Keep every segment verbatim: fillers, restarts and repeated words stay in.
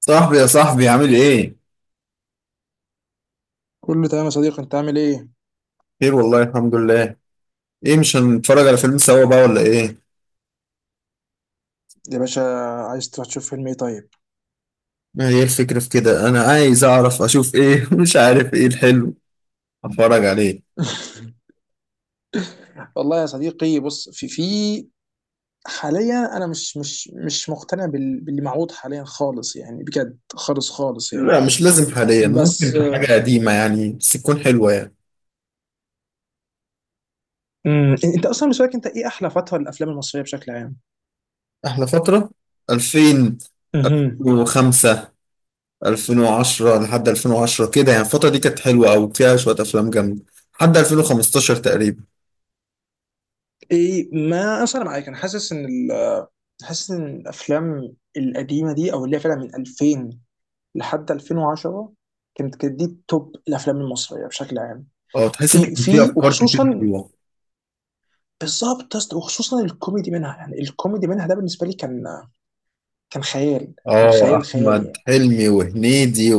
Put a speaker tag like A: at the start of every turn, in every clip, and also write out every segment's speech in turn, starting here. A: صاحبي يا صاحبي عامل ايه؟
B: كله تمام يا صديقي، انت عامل ايه؟
A: خير والله الحمد لله. ايه، مش هنتفرج على فيلم سوا بقى ولا ايه؟
B: يا باشا، عايز تروح تشوف فيلم ايه طيب؟
A: ما هي الفكرة في كده، انا عايز اعرف اشوف ايه. مش عارف ايه الحلو اتفرج عليه.
B: والله يا صديقي، بص، في في حاليا انا مش مش مش مقتنع بال- باللي معروض حاليا خالص، يعني بجد خالص خالص يعني.
A: لا مش لازم حاليا، ممكن
B: بس،
A: في حاجة قديمة يعني بس تكون حلوة يعني.
B: امم انت اصلا بالنسبه لك، انت ايه احلى فتره للافلام المصريه بشكل عام؟
A: احلى فترة
B: امم
A: ألفين وخمسة، ألفين وعشرة، لحد ألفين وعشرة كده يعني. الفترة دي كانت حلوة أوي، فيها شوية أفلام جامدة لحد ألفين وخمستاشر تقريبا.
B: ايه، ما اصلا معاك. انا حاسس ان ال- حاسس ان الافلام القديمه دي او اللي هي فعلا من ألفين لحد ألفين وعشرة كانت كانت دي توب الافلام المصريه بشكل عام.
A: اه، تحس إن
B: في
A: كان فيها
B: في
A: أفكار كتير
B: وخصوصا،
A: حلوة.
B: بالظبط يا اسطى، وخصوصا الكوميدي منها، يعني الكوميدي منها ده بالنسبه لي كان، كان خيال، كان
A: اه،
B: خيال خيالي
A: أحمد
B: يعني.
A: حلمي وهنيدي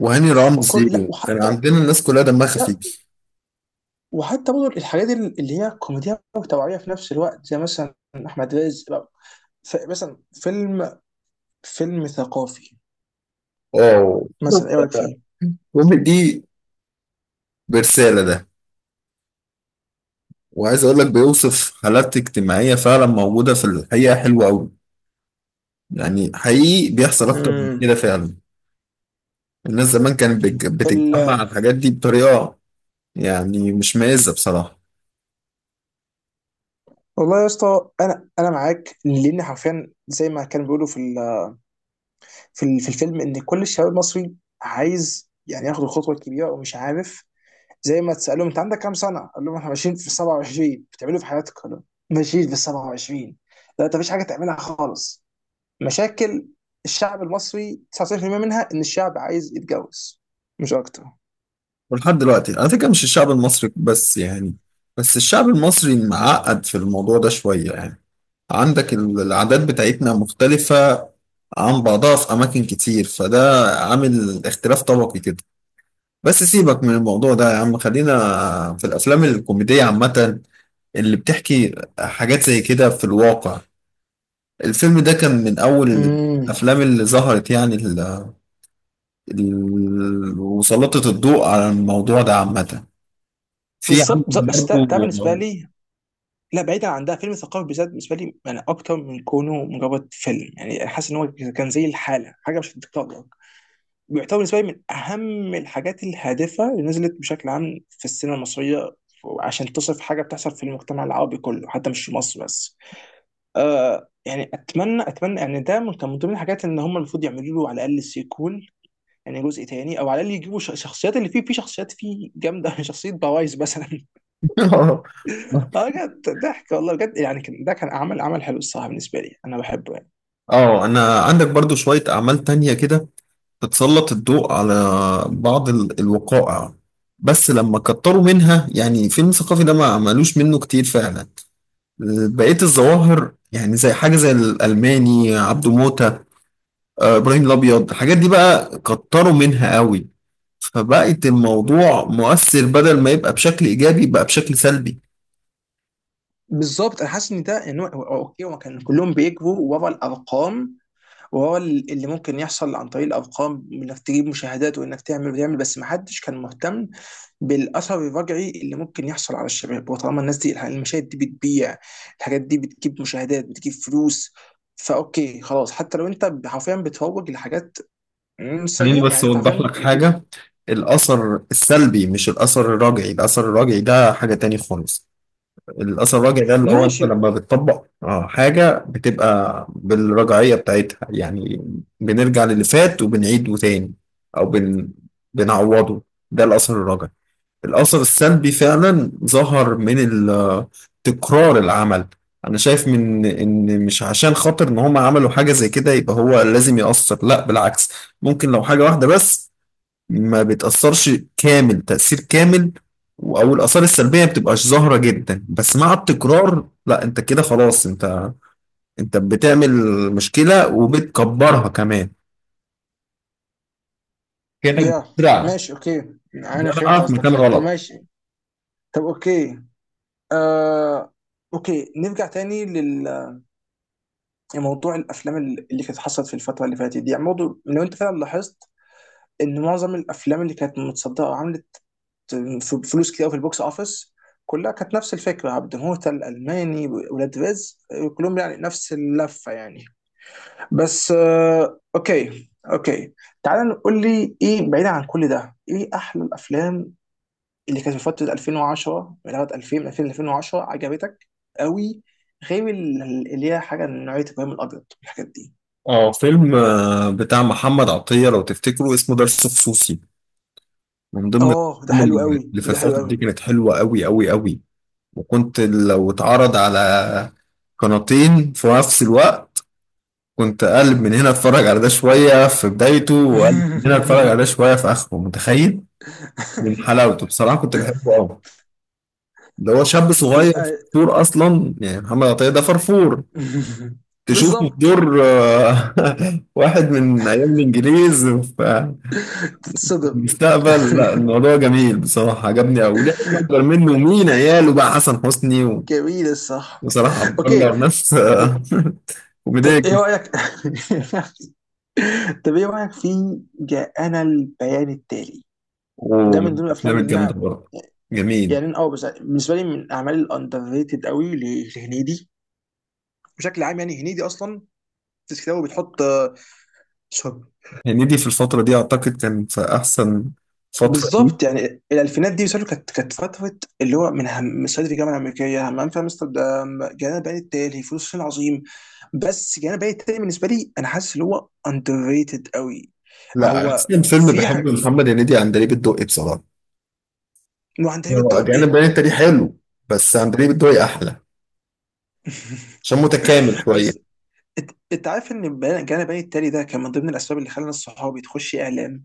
A: وهاني
B: وكل، لا،
A: رمزي، كان
B: وحتى،
A: عندنا الناس كلها دمها
B: لا،
A: خفيف.
B: وحتى برضه الحاجات اللي هي كوميديا وتوعيه في نفس الوقت زي مثلا احمد رزق بقى. ف- مثلا فيلم، فيلم ثقافي
A: اه.
B: مثلا، ايه رايك فيه؟
A: كوميدي. برسالة ده، وعايز اقول لك بيوصف حالات اجتماعية فعلا موجودة في الحقيقة، حلوة قوي يعني. حقيقي بيحصل اكتر من كده
B: امم
A: فعلا. الناس زمان كانت بتج-
B: ال...
A: بتتجمع على الحاجات دي بطريقة، يعني مش مائزة بصراحة.
B: والله يا اسطى، انا انا معاك لان حرفيا زي ما كانوا بيقولوا في ال... في, ال... في الفيلم ان كل الشباب المصري عايز يعني ياخد الخطوه الكبيره ومش عارف. زي ما تسألهم انت عندك كام سنة؟ قال لهم احنا ماشيين في سبعة وعشرين، بتعملوا إيه في حياتك؟ قال لهم ماشيين في سبعه وعشرين. لا انت مفيش حاجة تعملها خالص. مشاكل الشعب المصري تسعة وتسعين بالمية منها ان الشعب عايز يتجوز، مش اكتر.
A: ولحد دلوقتي على فكرة مش الشعب المصري بس يعني، بس الشعب المصري معقد في الموضوع ده شوية يعني. عندك ال- العادات بتاعتنا مختلفة عن بعضها في أماكن كتير، فده عامل اختلاف طبقي كده. بس سيبك من الموضوع ده يا عم، خلينا في الأفلام الكوميدية عامة اللي بتحكي حاجات زي كده في الواقع. الفيلم ده كان من أول
B: امم
A: الأفلام اللي ظهرت يعني، ال- ال- وسلطت الضوء على الموضوع ده عامة. في
B: بالظبط بالظبط، أصل
A: عندك
B: ده, ده بالنسبة
A: برضو.
B: لي، لا بعيدا عن ده، فيلم ثقافي بالذات بالنسبة لي يعني اكتر من كونه مجرد فيلم. يعني حاسس ان هو كان زي الحالة، حاجة مش هتتكرر. بيعتبر بالنسبه لي من اهم الحاجات الهادفه اللي نزلت بشكل عام في السينما المصريه. ف- عشان تصف حاجه بتحصل في المجتمع العربي كله، حتى مش في مصر بس. آه يعني، اتمنى اتمنى يعني ده من كان من ضمن الحاجات ان هم المفروض يعملوا له على الاقل سيكول، يعني جزء تاني، او على الاقل يجيبوا ش- شخصيات اللي فيه. في شخصيات فيه جامده شخصيه بوايز مثلا اه بجد ضحك والله، بجد يعني كان ده، كان عمل عمل حلو الصراحه، بالنسبه لي انا بحبه يعني.
A: اه، انا عندك برضو شوية اعمال تانية كده بتسلط الضوء على بعض ال- الوقائع، بس لما كتروا منها. يعني فيلم ثقافي ده ما عملوش منه كتير فعلا. بقية الظواهر يعني زي حاجة، زي الألماني، عبده موتة، آه، إبراهيم الأبيض، الحاجات دي بقى كتروا منها قوي، فبقت الموضوع مؤثر بدل ما يبقى بشكل إيجابي بقى بشكل سلبي.
B: بالظبط، انا حاسس ان ده، ان هو هو- اوكي، هو كان كلهم بيكبروا ورا الارقام، وهو ال- اللي ممكن يحصل عن طريق الارقام، انك تجيب مشاهدات وانك تعمل وتعمل، بس ما حدش كان مهتم بالاثر الرجعي اللي ممكن يحصل على الشباب. وطالما الناس دي الح- المشاهد دي بتبيع، الحاجات دي بتجيب مشاهدات بتجيب فلوس، فاوكي خلاص. حتى لو انت حرفيا بتروج لحاجات مم،
A: خليني
B: سيئه،
A: بس
B: يعني انت حرفيا
A: أوضح لك
B: ال- ال-
A: حاجة. الأثر السلبي مش الأثر الراجعي. الأثر الراجعي ده حاجة تاني خالص. الأثر الراجعي ده اللي هو أنت
B: ماشي.
A: لما بتطبق آه، حاجة بتبقى بالرجعية بتاعتها يعني، بنرجع للي فات وبنعيده تاني، أو بن... بنعوضه. ده الأثر الراجعي. الأثر السلبي فعلا ظهر من ال- تكرار العمل. أنا شايف من إن مش عشان خاطر إن هم عملوا حاجة زي كده يبقى هو لازم يأثر، لا بالعكس، ممكن لو حاجة واحدة بس ما بتأثرش كامل، تأثير كامل أو الآثار السلبية ما بتبقاش ظاهرة جدا، بس مع التكرار لا، أنت كده خلاص، أنت أنت بتعمل مشكلة وبتكبرها كمان، كأنك
B: يا
A: بتزرع
B: ماشي اوكي، انا فهمت
A: زرعة في
B: قصدك
A: مكان
B: فعلا، طب
A: غلط.
B: ماشي. طب اوكي، آه، اوكي نرجع تاني. موضوع الافلام اللي كانت حصلت في الفتره اللي فاتت دي، يعني برضه لو انت فعلا لاحظت ان معظم الافلام اللي كانت متصدره وعملت فلوس كتير أوي في البوكس اوفيس، كلها كانت نفس الفكره. عبد الموتى، الالماني، ولاد رزق، كلهم يعني نفس اللفه يعني. بس آه، اوكي اوكي. تعال نقول لي، ايه بعيدا عن كل ده، ايه احلى الافلام اللي كانت في فتره ألفين وعشرة من لغايه ألفين، 2000 ألفين وعشرة عجبتك قوي، غير ال- اللي هي حاجه من نوعيه ابراهيم الابيض والحاجات دي.
A: اه، فيلم آه، بتاع محمد عطية لو تفتكروا اسمه درس خصوصي، من ضمن
B: اه ده
A: الافلام
B: حلو
A: اللي
B: قوي،
A: اللي في
B: ده حلو
A: الفترة
B: قوي.
A: دي كانت حلوة قوي قوي قوي. وكنت لو اتعرض على قناتين في نفس الوقت، كنت اقلب من هنا اتفرج على ده شوية في بدايته واقلب من هنا اتفرج على ده شوية في اخره، متخيل؟ من حلاوته بصراحة، كنت بحبه قوي. ده هو شاب صغير،
B: تبقى،
A: فرفور اصلا يعني، محمد عطية ده فرفور، تشوفه في
B: بالظبط
A: دور آه، واحد من ايام الانجليز.
B: تتصدم.
A: المستقبل لا، الموضوع جميل بصراحة، عجبني أوي. ليه أكبر منه ومين عياله بقى؟ حسن حسني و-
B: جميل الصح.
A: بصراحة
B: اوكي،
A: بطلع ناس
B: طب،
A: آه،
B: طب
A: كوميدية
B: ايه
A: جدا.
B: رايك، طب ايه رايك في جاءنا البيان التالي؟ ده
A: ومن
B: من ضمن
A: الأفلام
B: الافلام اللي
A: الجامدة
B: انا
A: برضه، جميل.
B: يعني، انا اه، بس بالنسبه لي من الاعمال الاندر ريتد قوي ل- لهنيدي. بشكل عام يعني هنيدي اصلا في كتابه بتحط آه،
A: هنيدي في الفترة دي أعتقد كان في أحسن فترة دي.
B: بالظبط، يعني الالفينات دي بيسألوا، كانت كانت فتره اللي هو من هم صعيدي في الجامعه الامريكيه، همام في امستردام، جانا البيان التالي، فلوس الصين، عظيم. بس جانا البيان التالي بالنسبه لي، انا حاسس اللي هو اندر ريتد قوي.
A: لا،
B: هو
A: أحسن فيلم
B: في
A: بحبه
B: حاجه
A: لمحمد هنيدي عندليب الدقي بصراحة.
B: انه عند تقريبا
A: هو
B: الدور،
A: أجانب
B: ايه؟
A: باين التاريخ حلو، بس عندليب الدقي أحلى، عشان متكامل شوية.
B: بس، إت- انت عارف ان بيان- جانا البيان التالي ده كان من ضمن الاسباب اللي خلى ناس صحابي تخش اعلام.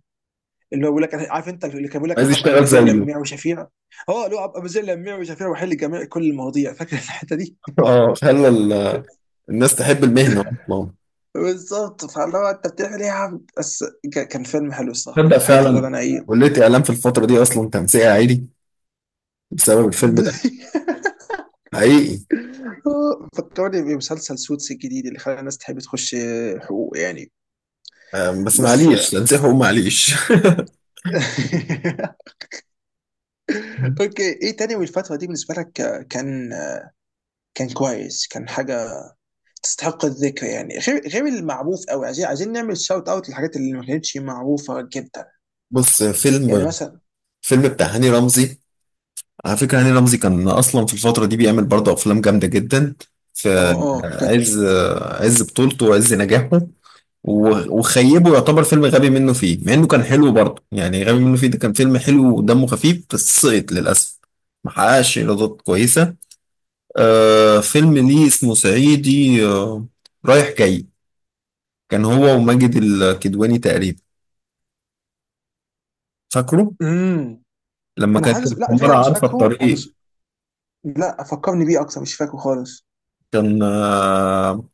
B: اللي هو بيقول لك أنا- عارف انت اللي كان بيقول لك انا
A: عايز
B: هبقى
A: يشتغل
B: مذيع
A: زيه.
B: لميع وشفيع. اه اللي هو هبقى مذيع لميع وشفيع واحل جميع كل المواضيع، فاكر الحته دي؟
A: اه، خلى ال- الناس تحب المهنة أصلا.
B: بالظبط. فاللي هو انت بتعمل ايه يا عم بس؟ ك- كان فيلم حلو الصراحه، من
A: تصدق
B: الحاجات اللي بقول
A: فعلا،
B: انا ايه.
A: كلية إعلام في الفترة دي أصلا تنسيق عادي بسبب الفيلم ده. حقيقي.
B: فكرني بمسلسل سوتس الجديد اللي خلى الناس تحب تخش حقوق يعني.
A: أم، بس
B: بس.
A: معليش، تنسيق هو معليش.
B: اوكي، ايه تاني من الفتره دي بالنسبه لك كان، كان كويس، كان حاجه تستحق الذكر، يعني غير، غير المعروف قوي، عايزين عايزين نعمل شاوت اوت للحاجات اللي ما كانتش معروفه جدا،
A: بص،
B: يعني
A: فيلم
B: مثلا.
A: فيلم بتاع هاني رمزي، على فكرة هاني رمزي كان أصلا في الفترة دي بيعمل برضه أفلام جامدة جدا،
B: اه
A: في
B: اه بجد.
A: عز، عز بطولته وعز نجاحه. و- وخيبه يعتبر فيلم غبي منه فيه، مع إنه كان حلو برضه يعني. غبي منه فيه ده كان فيلم حلو ودمه خفيف، بس سقط للأسف، محققش إيرادات كويسة. آه، فيلم ليه اسمه صعيدي، آه، رايح جاي، كان هو وماجد الكدواني تقريبا، فاكره؟
B: امم
A: لما
B: انا
A: كانت
B: حاسس، لا الفكره،
A: الحمارة
B: انا مش
A: عارفة
B: فاكره، انا
A: الطريق،
B: مش لا فكرني بيه اكتر، مش فاكره خالص.
A: كان آه،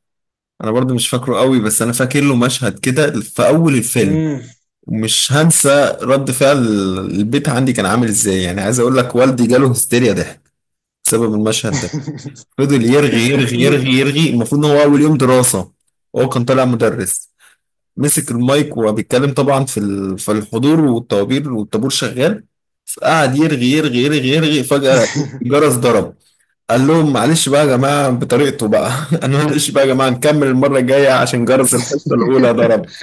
A: انا برضو مش فاكره قوي، بس انا فاكر له مشهد كده في اول الفيلم،
B: امم
A: ومش هنسى رد فعل البيت عندي، كان عامل ازاي. يعني عايز اقول لك، والدي جاله هستيريا ضحك بسبب المشهد ده. فضل يرغي يرغي يرغي
B: بد
A: يرغي، المفروض ان هو اول يوم دراسة، هو كان طالع مدرس، مسك المايك وهو بيتكلم طبعا في ال- في الحضور والطوابير، والطابور شغال، فقعد يرغي يرغي يرغي يرغي. فجأة الجرس ضرب. قال لهم معلش بقى يا جماعة بطريقته بقى، انا معلش بقى يا جماعة، نكمل المرة الجاية عشان جرس الحصة الأولى ضرب.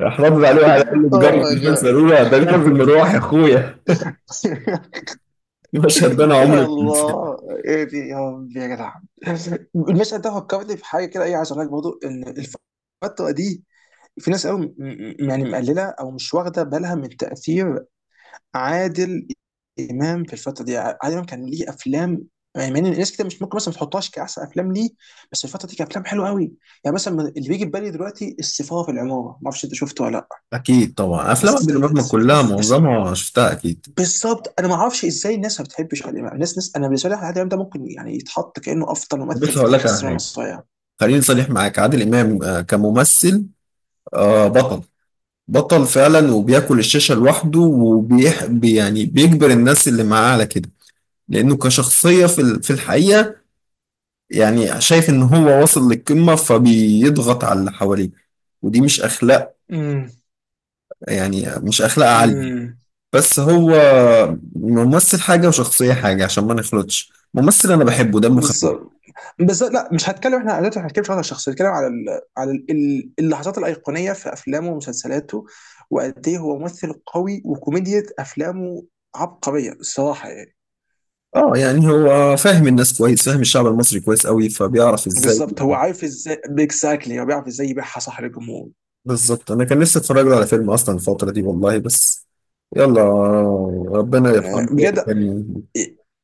A: راح رد عليه وقال له، ده
B: اوه ماي
A: جرس الحصة
B: جاد.
A: الأولى؟ ده جرس المروح يا أخويا. المشهد ده أنا عمري
B: يا
A: ما أنساه.
B: الله، ايه دي يا ربي يا جدع! المشهد ده فكرني في حاجه كده، ايه عايز اقول لك برضه ان الفتره دي في ناس قوي م- م- يعني مقلله او مش واخده بالها من تاثير عادل امام في الفتره دي. عادل امام كان ليه افلام يعني، مع ان الناس كده مش ممكن مثلا ما تحطهاش كاحسن افلام ليه، بس الفتره دي كان افلام حلوه قوي. يعني مثلا من- اللي بيجي في بالي دلوقتي السفاره في العماره، ما اعرفش انت شفته ولا لا؟
A: أكيد طبعا، أفلام
B: بس
A: عادل إمام
B: بس
A: كلها
B: بس-
A: معظمها شفتها أكيد.
B: بالظبط، انا ما اعرفش ازاي الناس ما بتحبش عادل امام. الناس ناس، انا بالنسبه لي عادل امام ده ممكن يعني يتحط كانه افضل ممثل
A: بس
B: في
A: هقول
B: تاريخ
A: لك على
B: السينما
A: حاجة،
B: المصريه.
A: خليني صريح معاك، عادل إمام آه، كممثل آه، بطل، بطل فعلا، وبياكل الشاشة لوحده، وبيح بي- يعني بيجبر الناس اللي معاه على كده، لأنه كشخصية في ال- في الحقيقة يعني شايف إن هو واصل للقمة فبيضغط على اللي حواليه، ودي مش أخلاق، يعني مش أخلاق عالية.
B: امم
A: بس هو ممثل حاجة وشخصية حاجة، عشان ما نخلطش. ممثل أنا بحبه، دمه خفيف.
B: بالظبط، بس لا مش هتكلم. احنا دلوقتي ما هنتكلمش على الشخص، هنتكلم على ال... على ال... ال- اللحظات الايقونيه في افلامه ومسلسلاته، وقد ايه هو ممثل قوي وكوميديا افلامه عبقريه الصراحه يعني.
A: اه، يعني هو فاهم الناس كويس، فاهم الشعب المصري كويس قوي، فبيعرف إزاي.
B: بالظبط، هو عارف ازاي، اكزاكتلي هو بيعرف ازاي يبيعها صح للجمهور.
A: بالظبط، انا كان نفسي اتفرج له على فيلم اصلا الفتره دي والله، بس يلا. ربنا يرحمه،
B: يعني
A: إيه
B: بجد.
A: كان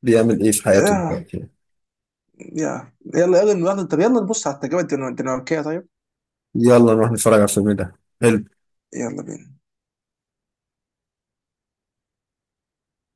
A: بيعمل ايه في حياته
B: يا
A: دلوقتي؟
B: يا يلا يلا يلا طب يلا نبص على التجربه الدنماركيه طيب.
A: يلا نروح نتفرج على الفيلم ده، حلو.
B: يلا بينا